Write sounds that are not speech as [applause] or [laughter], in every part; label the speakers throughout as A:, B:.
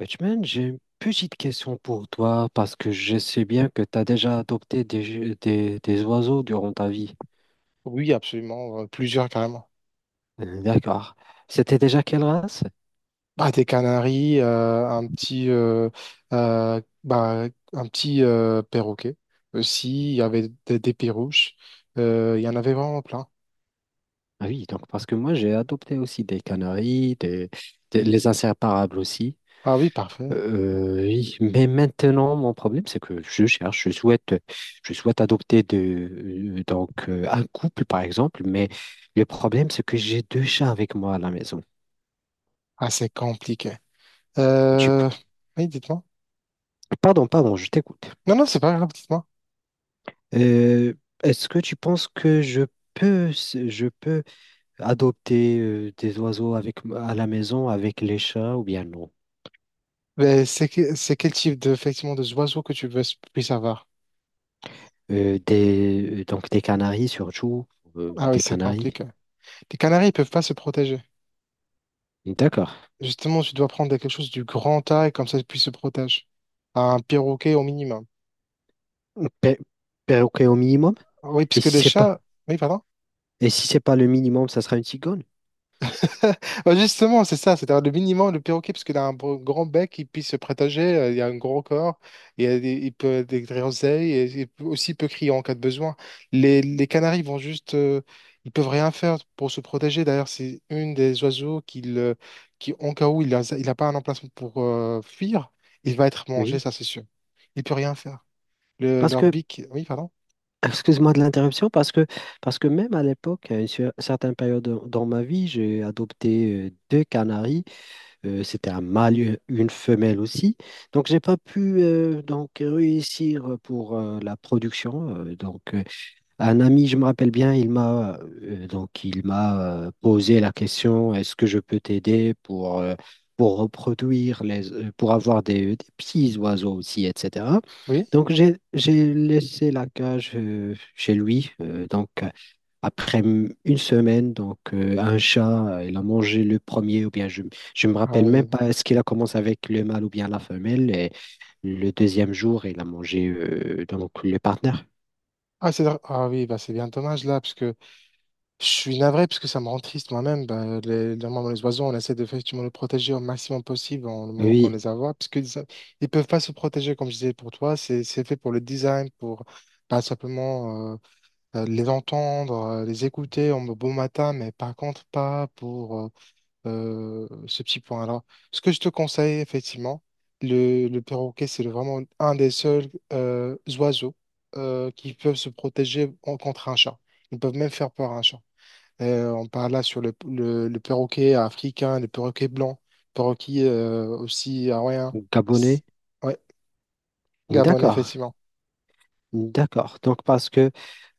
A: Batman, j'ai une petite question pour toi parce que je sais bien que tu as déjà adopté des oiseaux durant ta vie.
B: Oui, absolument, plusieurs carrément.
A: D'accord. C'était déjà quelle race?
B: Bah, des canaris, un petit, bah, un petit perroquet aussi. Il y avait des perruches. Il y en avait vraiment plein.
A: Ah oui, donc parce que moi j'ai adopté aussi des canaris, les inséparables aussi.
B: Ah oui, parfait.
A: Euh, oui, mais maintenant mon problème c'est que je souhaite adopter de, un couple par exemple, mais le problème c'est que j'ai deux chats avec moi à la maison.
B: Ah, c'est compliqué.
A: Tu-
B: Euh, Oui, dites-moi.
A: pardon, pardon, je t'écoute.
B: Non, non, c'est pas grave, dites-moi.
A: Euh, est-ce que tu penses que je je peux adopter des oiseaux avec, à la maison avec les chats ou bien non?
B: Mais c'est quel type de, effectivement, de oiseaux que tu veux puisses avoir?
A: Donc des canaris surtout,
B: Ah oui,
A: des
B: c'est
A: canaris.
B: compliqué. Les canaris, ils peuvent pas se protéger.
A: D'accord.
B: Justement, tu dois prendre quelque chose du grand taille, comme ça, ils puissent se protéger. Un perroquet au minimum.
A: Pe- Perroquet au minimum?
B: Oui,
A: Et
B: puisque
A: si
B: les
A: c'est pas,
B: chats. Oui, pardon.
A: et si c'est pas le minimum, ça sera une cigogne?
B: [laughs] Bah, justement, c'est ça, c'est-à-dire le minimum, le perroquet, parce qu'il a un grand bec, il puisse se prétager, il a un gros corps. Il peut être des griseilles, et aussi il peut crier en cas de besoin. Les canaris vont juste, ils peuvent rien faire pour se protéger. D'ailleurs, c'est une des oiseaux qui en cas où il a pas un emplacement pour fuir, il va être mangé,
A: Oui,
B: ça c'est sûr. Il peut rien faire.
A: parce
B: Leur
A: que,
B: bic, oui, pardon.
A: [clears throat] excuse-moi de l'interruption, parce que même à l'époque, à certaine période dans ma vie, j'ai adopté deux canaris. C'était un mâle, et une femelle aussi. Donc, j'ai pas pu donc réussir pour la production. Un ami, je me rappelle bien, il m'a posé la question, est-ce que je peux t'aider pour reproduire les pour avoir des petits oiseaux aussi, etc.
B: Oui.
A: Donc j'ai laissé la cage chez lui. Une semaine, un chat, il a mangé le premier ou bien je me
B: Ah
A: rappelle même
B: oui.
A: pas est-ce qu'il a commencé avec le mâle ou bien la femelle, et le deuxième jour il a mangé donc le partenaire.
B: Ah, ah oui, bah, c'est bien dommage là, parce que je suis navré parce que ça me rend triste moi-même. Bah, normalement, les oiseaux, on essaie de effectivement les protéger au maximum possible en le moment qu'on les
A: Oui.
B: voit, parce qu'ils ne peuvent pas se protéger, comme je disais pour toi. C'est fait pour le design, pour pas simplement les entendre, les écouter en beau matin, mais par contre, pas pour ce petit point-là. Ce que je te conseille, effectivement, le perroquet, c'est vraiment un des seuls oiseaux qui peuvent se protéger contre un chat. Ils peuvent même faire peur à un chat. On parle là sur le perroquet africain, le perroquet blanc, perroquet aussi hawaïen.
A: Gabonais?
B: S- Ouais, Gabon,
A: D'accord.
B: effectivement.
A: D'accord. Donc parce que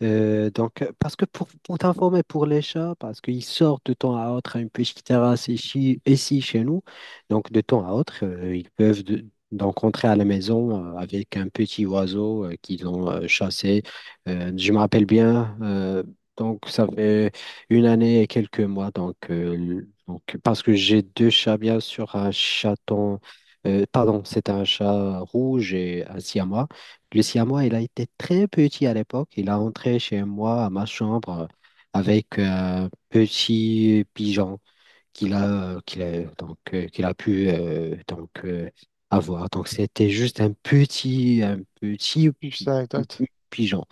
A: euh, donc parce que pour t'informer pour les chats, parce qu'ils sortent de temps à autre à une petite terrasse ici, ici chez nous, donc de temps à autre, ils peuvent donc rentrer à la maison avec un petit oiseau qu'ils ont chassé. Je me rappelle bien, donc ça fait une année et quelques mois. Donc parce que j'ai deux chats, bien sûr, un chaton, pardon, c'est un chat rouge et un siamois. Le moi, il a été très petit à l'époque. Il a entré chez moi, à ma chambre, avec un petit pigeon qu'il a, qu'il a pu avoir. Donc, c'était juste un petit
B: Juste une anecdote.
A: pigeon.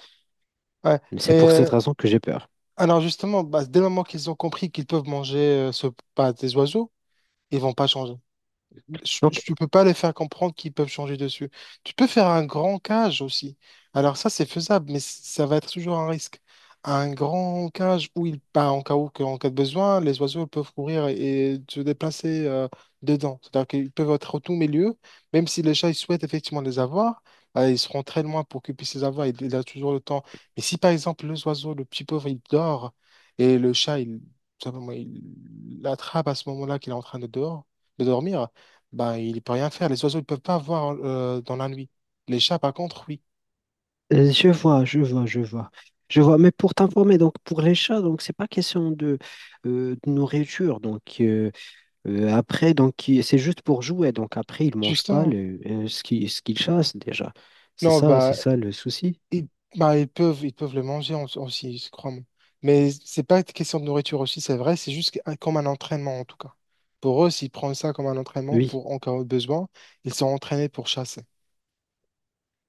B: Ouais. Mais
A: C'est pour cette
B: euh,
A: raison que j'ai peur.
B: alors justement, bah, dès le moment qu'ils ont compris qu'ils peuvent manger bah, des oiseaux, ils vont pas changer.
A: Donc,
B: Tu peux pas les faire comprendre qu'ils peuvent changer dessus. Tu peux faire un grand cage aussi. Alors ça, c'est faisable, mais ça va être toujours un risque. Un grand cage où ils, bah, en cas de besoin, les oiseaux peuvent courir et se déplacer dedans. C'est-à-dire qu'ils peuvent être au tout milieu, même si les chats ils souhaitent effectivement les avoir, ils seront très loin pour qu'ils puissent les avoir. Il a toujours le temps. Mais si par exemple le oiseau, le petit pauvre, il dort et le chat, il, simplement, il l'attrape à ce moment-là qu'il est en train de dehors de dormir, ben il peut rien faire. Les oiseaux, ils peuvent pas voir dans la nuit. Les chats, par contre, oui.
A: je vois, je vois, je vois. Je vois, mais pour t'informer, donc pour les chats, donc c'est pas question de nourriture. Donc, c'est juste pour jouer. Donc, après, ils mangent pas
B: Justement.
A: ce qu'ils chassent déjà.
B: Non,
A: C'est
B: bah,
A: ça le souci.
B: ils, bah, ils peuvent le manger aussi, je crois. Moi. Mais c'est pas une question de nourriture aussi, c'est vrai. C'est juste comme un entraînement, en tout cas. Pour eux, s'ils prennent ça comme un entraînement
A: Oui,
B: pour, en cas de besoin, ils sont entraînés pour chasser.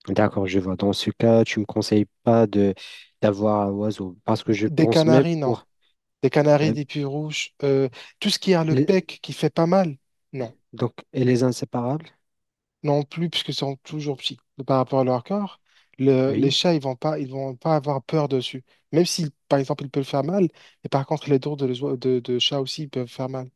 A: d'accord, je vois. Dans ce cas, tu me conseilles pas de d'avoir un oiseau parce que je
B: Des
A: pense même
B: canaris, non.
A: pour
B: Des canaris,
A: euh,
B: des puits rouges, tout ce qui a le
A: les,
B: bec qui fait pas mal, non.
A: donc et les inséparables.
B: Non plus, puisque sont toujours petits par rapport à leur corps, les
A: Oui,
B: chats, ils vont pas avoir peur dessus. Même si, par exemple, ils peuvent faire mal, et par contre, les dents de chat aussi, ils peuvent faire mal.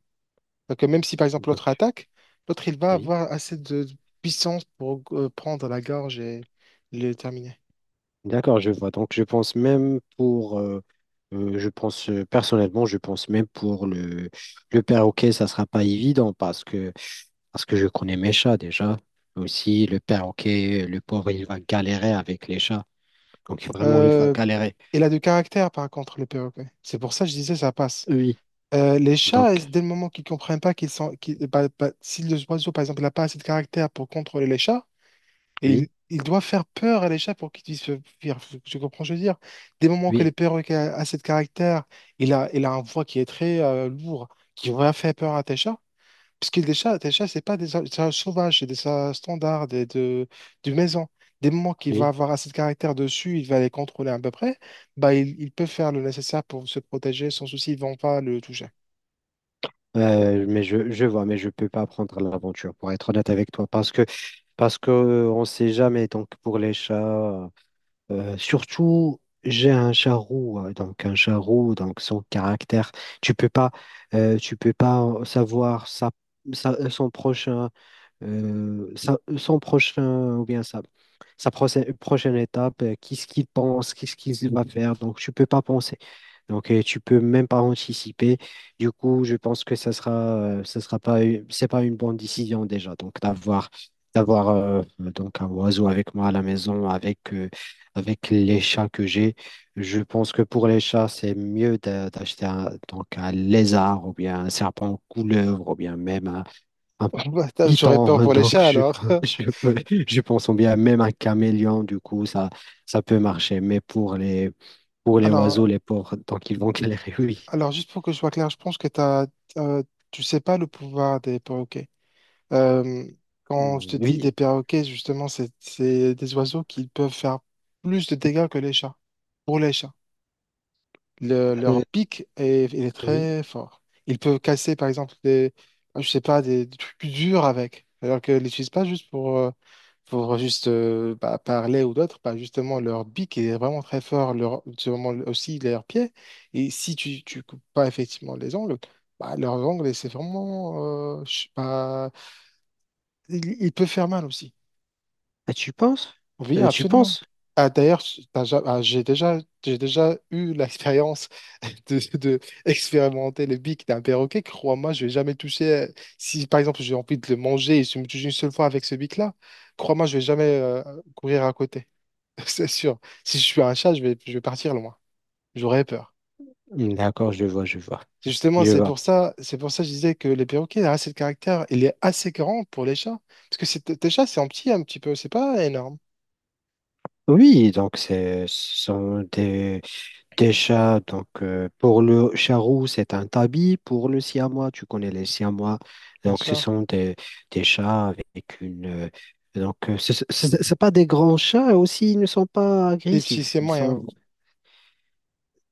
B: Donc, même si, par exemple, l'autre
A: donc
B: attaque, l'autre, il va
A: oui,
B: avoir assez de puissance pour prendre la gorge et le terminer.
A: d'accord, je vois. Donc, je pense même pour je pense personnellement, je pense même pour le perroquet, ça sera pas évident parce que parce que je connais mes chats déjà. Aussi, le perroquet, le pauvre, il va galérer avec les chats. Donc, vraiment, il va
B: Euh,
A: galérer.
B: il a du caractère, par contre, le perroquet. C'est pour ça que je disais, ça passe.
A: Oui,
B: Les
A: donc,
B: chats, dès le moment qu'ils comprennent pas qu'ils sont, qu'ils- bah, bah, si le oiseau, par exemple, n'a pas assez de caractère pour contrôler les chats, et
A: oui,
B: il doit faire peur à les chats pour qu'ils puissent se fuir. Tu comprends, ce que je veux dire. Des moments que les
A: oui,
B: perroquets a cette caractère, il a un voix qui est très lourd, qui va faire peur à tes chats. Parce que des chats, tes chats, c'est pas des chats sauvages, c'est des chats standards, de maison. Des moments qu'il va
A: oui.
B: avoir assez de caractère dessus, il va les contrôler à peu près, bah, il peut faire le nécessaire pour se protéger sans souci, ils vont pas le toucher.
A: Mais je vois, mais je peux pas prendre l'aventure, pour être honnête avec toi. Parce que, on sait jamais. Donc, pour les chats, surtout, j'ai un chat roux. Donc, un chat roux, donc son caractère. Tu peux pas, Tu peux pas savoir son prochain. Son prochain ou bien sa prochaine étape, qu'est-ce qu'il pense, qu'est-ce qu'il va faire. Donc, tu peux pas penser. Tu peux même pas anticiper. Du coup, je pense que ça sera pas, c'est pas une bonne décision déjà. D'avoir donc un oiseau avec moi à la maison, avec les chats que j'ai. Je pense que pour les chats, c'est mieux d'acheter donc un lézard ou bien un serpent couleur ou bien même un
B: [laughs] Bah, j'aurais peur
A: python, [laughs]
B: pour les chats alors. [laughs]
A: je pense bien même un caméléon, du coup, ça peut marcher. Mais pour pour les
B: Alors,
A: oiseaux, les porcs, donc ils vont [laughs] galérer, oui.
B: Alors, juste pour que je sois clair, je pense que euh, tu sais pas le pouvoir des perroquets. Euh, quand je te dis des
A: Oui,
B: perroquets, justement, c'est des oiseaux qui peuvent faire plus de dégâts que les chats. Pour les chats
A: euh,
B: leur pic est, il est
A: oui.
B: très fort. Ils peuvent casser, par exemple, ah, je sais pas, des trucs durs avec. Alors qu'ils l'utilisent pas juste pour juste bah, parler ou d'autres. Bah, justement, leur pic est vraiment très fort. Leur, c'est vraiment aussi leurs pieds. Et si tu coupes pas effectivement les ongles, bah, leurs ongles, c'est vraiment, je sais pas, ils peuvent faire mal aussi.
A: Ah, tu penses?
B: Oui,
A: Tu
B: absolument.
A: penses?
B: Ah, d'ailleurs, t'as ja- ah, j'ai déjà, j'ai déjà eu l'expérience [laughs] de expérimenter le bic d'un perroquet. Crois-moi, je vais jamais toucher. Euh, si par exemple j'ai envie de le manger et je me touche une seule fois avec ce bic-là, crois-moi, je vais jamais courir à côté. [laughs] C'est sûr. Si je suis un chat, je vais partir loin. J'aurais peur.
A: D'accord, je vois, je vois.
B: C'est Justement,
A: Je vois.
B: c'est pour ça que je disais que les perroquets, la race de caractère, il est assez grand pour les chats. Parce que tes chats, c'est en petit un petit peu, c'est pas énorme,
A: Oui, donc ce sont des chats, donc pour le chat roux, c'est un tabi. Pour le siamois, tu connais les siamois.
B: bien
A: Donc, ce
B: sûr.
A: sont des chats avec une. Ce n'est pas des grands chats aussi, ils ne sont pas
B: Les petits,
A: agressifs.
B: c'est
A: Ils
B: moyen.
A: sont.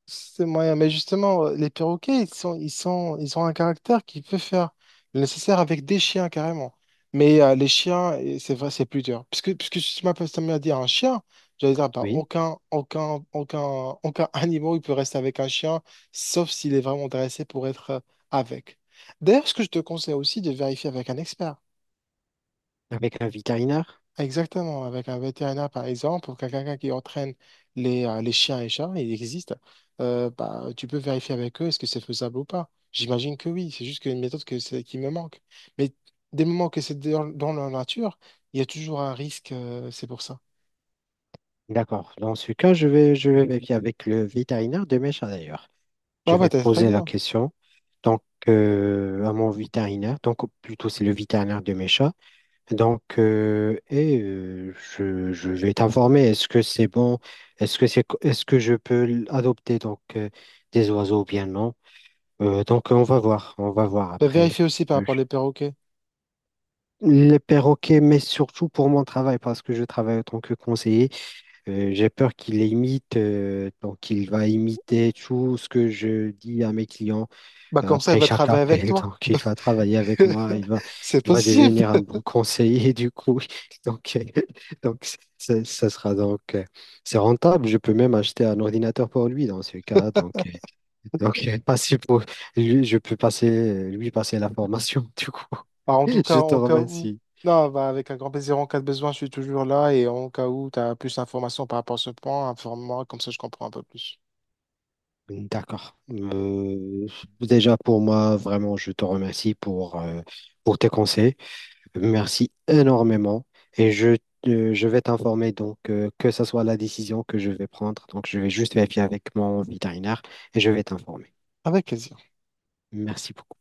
B: C'est moyen, mais justement, les perroquets, ils ont un caractère qui peut faire le nécessaire avec des chiens carrément. Mais les chiens, et c'est vrai, c'est plus dur. Puisque tu m'as dit un chien, j'allais dire, bah,
A: Oui,
B: aucun [laughs] animal, il peut rester avec un chien, sauf s'il est vraiment intéressé pour être avec. D'ailleurs, ce que je te conseille aussi de vérifier avec un expert.
A: avec un vétérinaire.
B: Exactement, avec un vétérinaire par exemple, ou quelqu'un qui entraîne les chiens et chats, il existe, bah, tu peux vérifier avec eux est-ce que c'est faisable ou pas. J'imagine que oui, c'est juste qu'une méthode que c'est- qui me manque. Mais des moments que c'est dans la nature, il y a toujours un risque, c'est pour ça.
A: D'accord. Dans ce cas, je vais vérifier avec le vétérinaire de mes chats d'ailleurs. Je
B: Ah bah
A: vais
B: t'as très
A: poser la
B: bien.
A: question donc, à mon vétérinaire. Donc, plutôt, c'est le vétérinaire de mes chats. Je vais t'informer, est-ce que c'est bon, est-ce que je peux adopter des oiseaux ou bien non? On va voir, on va voir
B: Bah, vérifie
A: après.
B: aussi par
A: Euh,
B: rapport aux perroquets.
A: Les perroquets, mais surtout pour mon travail, parce que je travaille en tant que conseiller, j'ai peur qu'il imite, donc il va imiter tout ce que je dis à mes clients.
B: Bah comme ça, elle
A: Après
B: va
A: chaque
B: travailler avec
A: appel,
B: toi.
A: donc il va travailler avec moi,
B: [laughs] C'est
A: il va
B: possible.
A: devenir un bon conseiller du coup. [laughs] Donc, euh, donc, ça sera c'est rentable. Je peux même acheter un ordinateur pour lui dans ce cas. Donc euh, passer pour je peux passer lui passer la formation [laughs] du coup.
B: Bah, en tout cas,
A: Je te
B: en cas où,
A: remercie.
B: non, bah, avec un grand plaisir, en cas de besoin, je suis toujours là et en cas où tu as plus d'informations par rapport à ce point, informe-moi, comme ça je comprends un peu plus.
A: D'accord. Déjà pour moi, vraiment, je te remercie pour tes conseils. Merci énormément. Et je vais t'informer donc que ce soit la décision que je vais prendre. Donc, je vais juste vérifier avec mon vétérinaire et je vais t'informer.
B: Avec plaisir.
A: Merci beaucoup.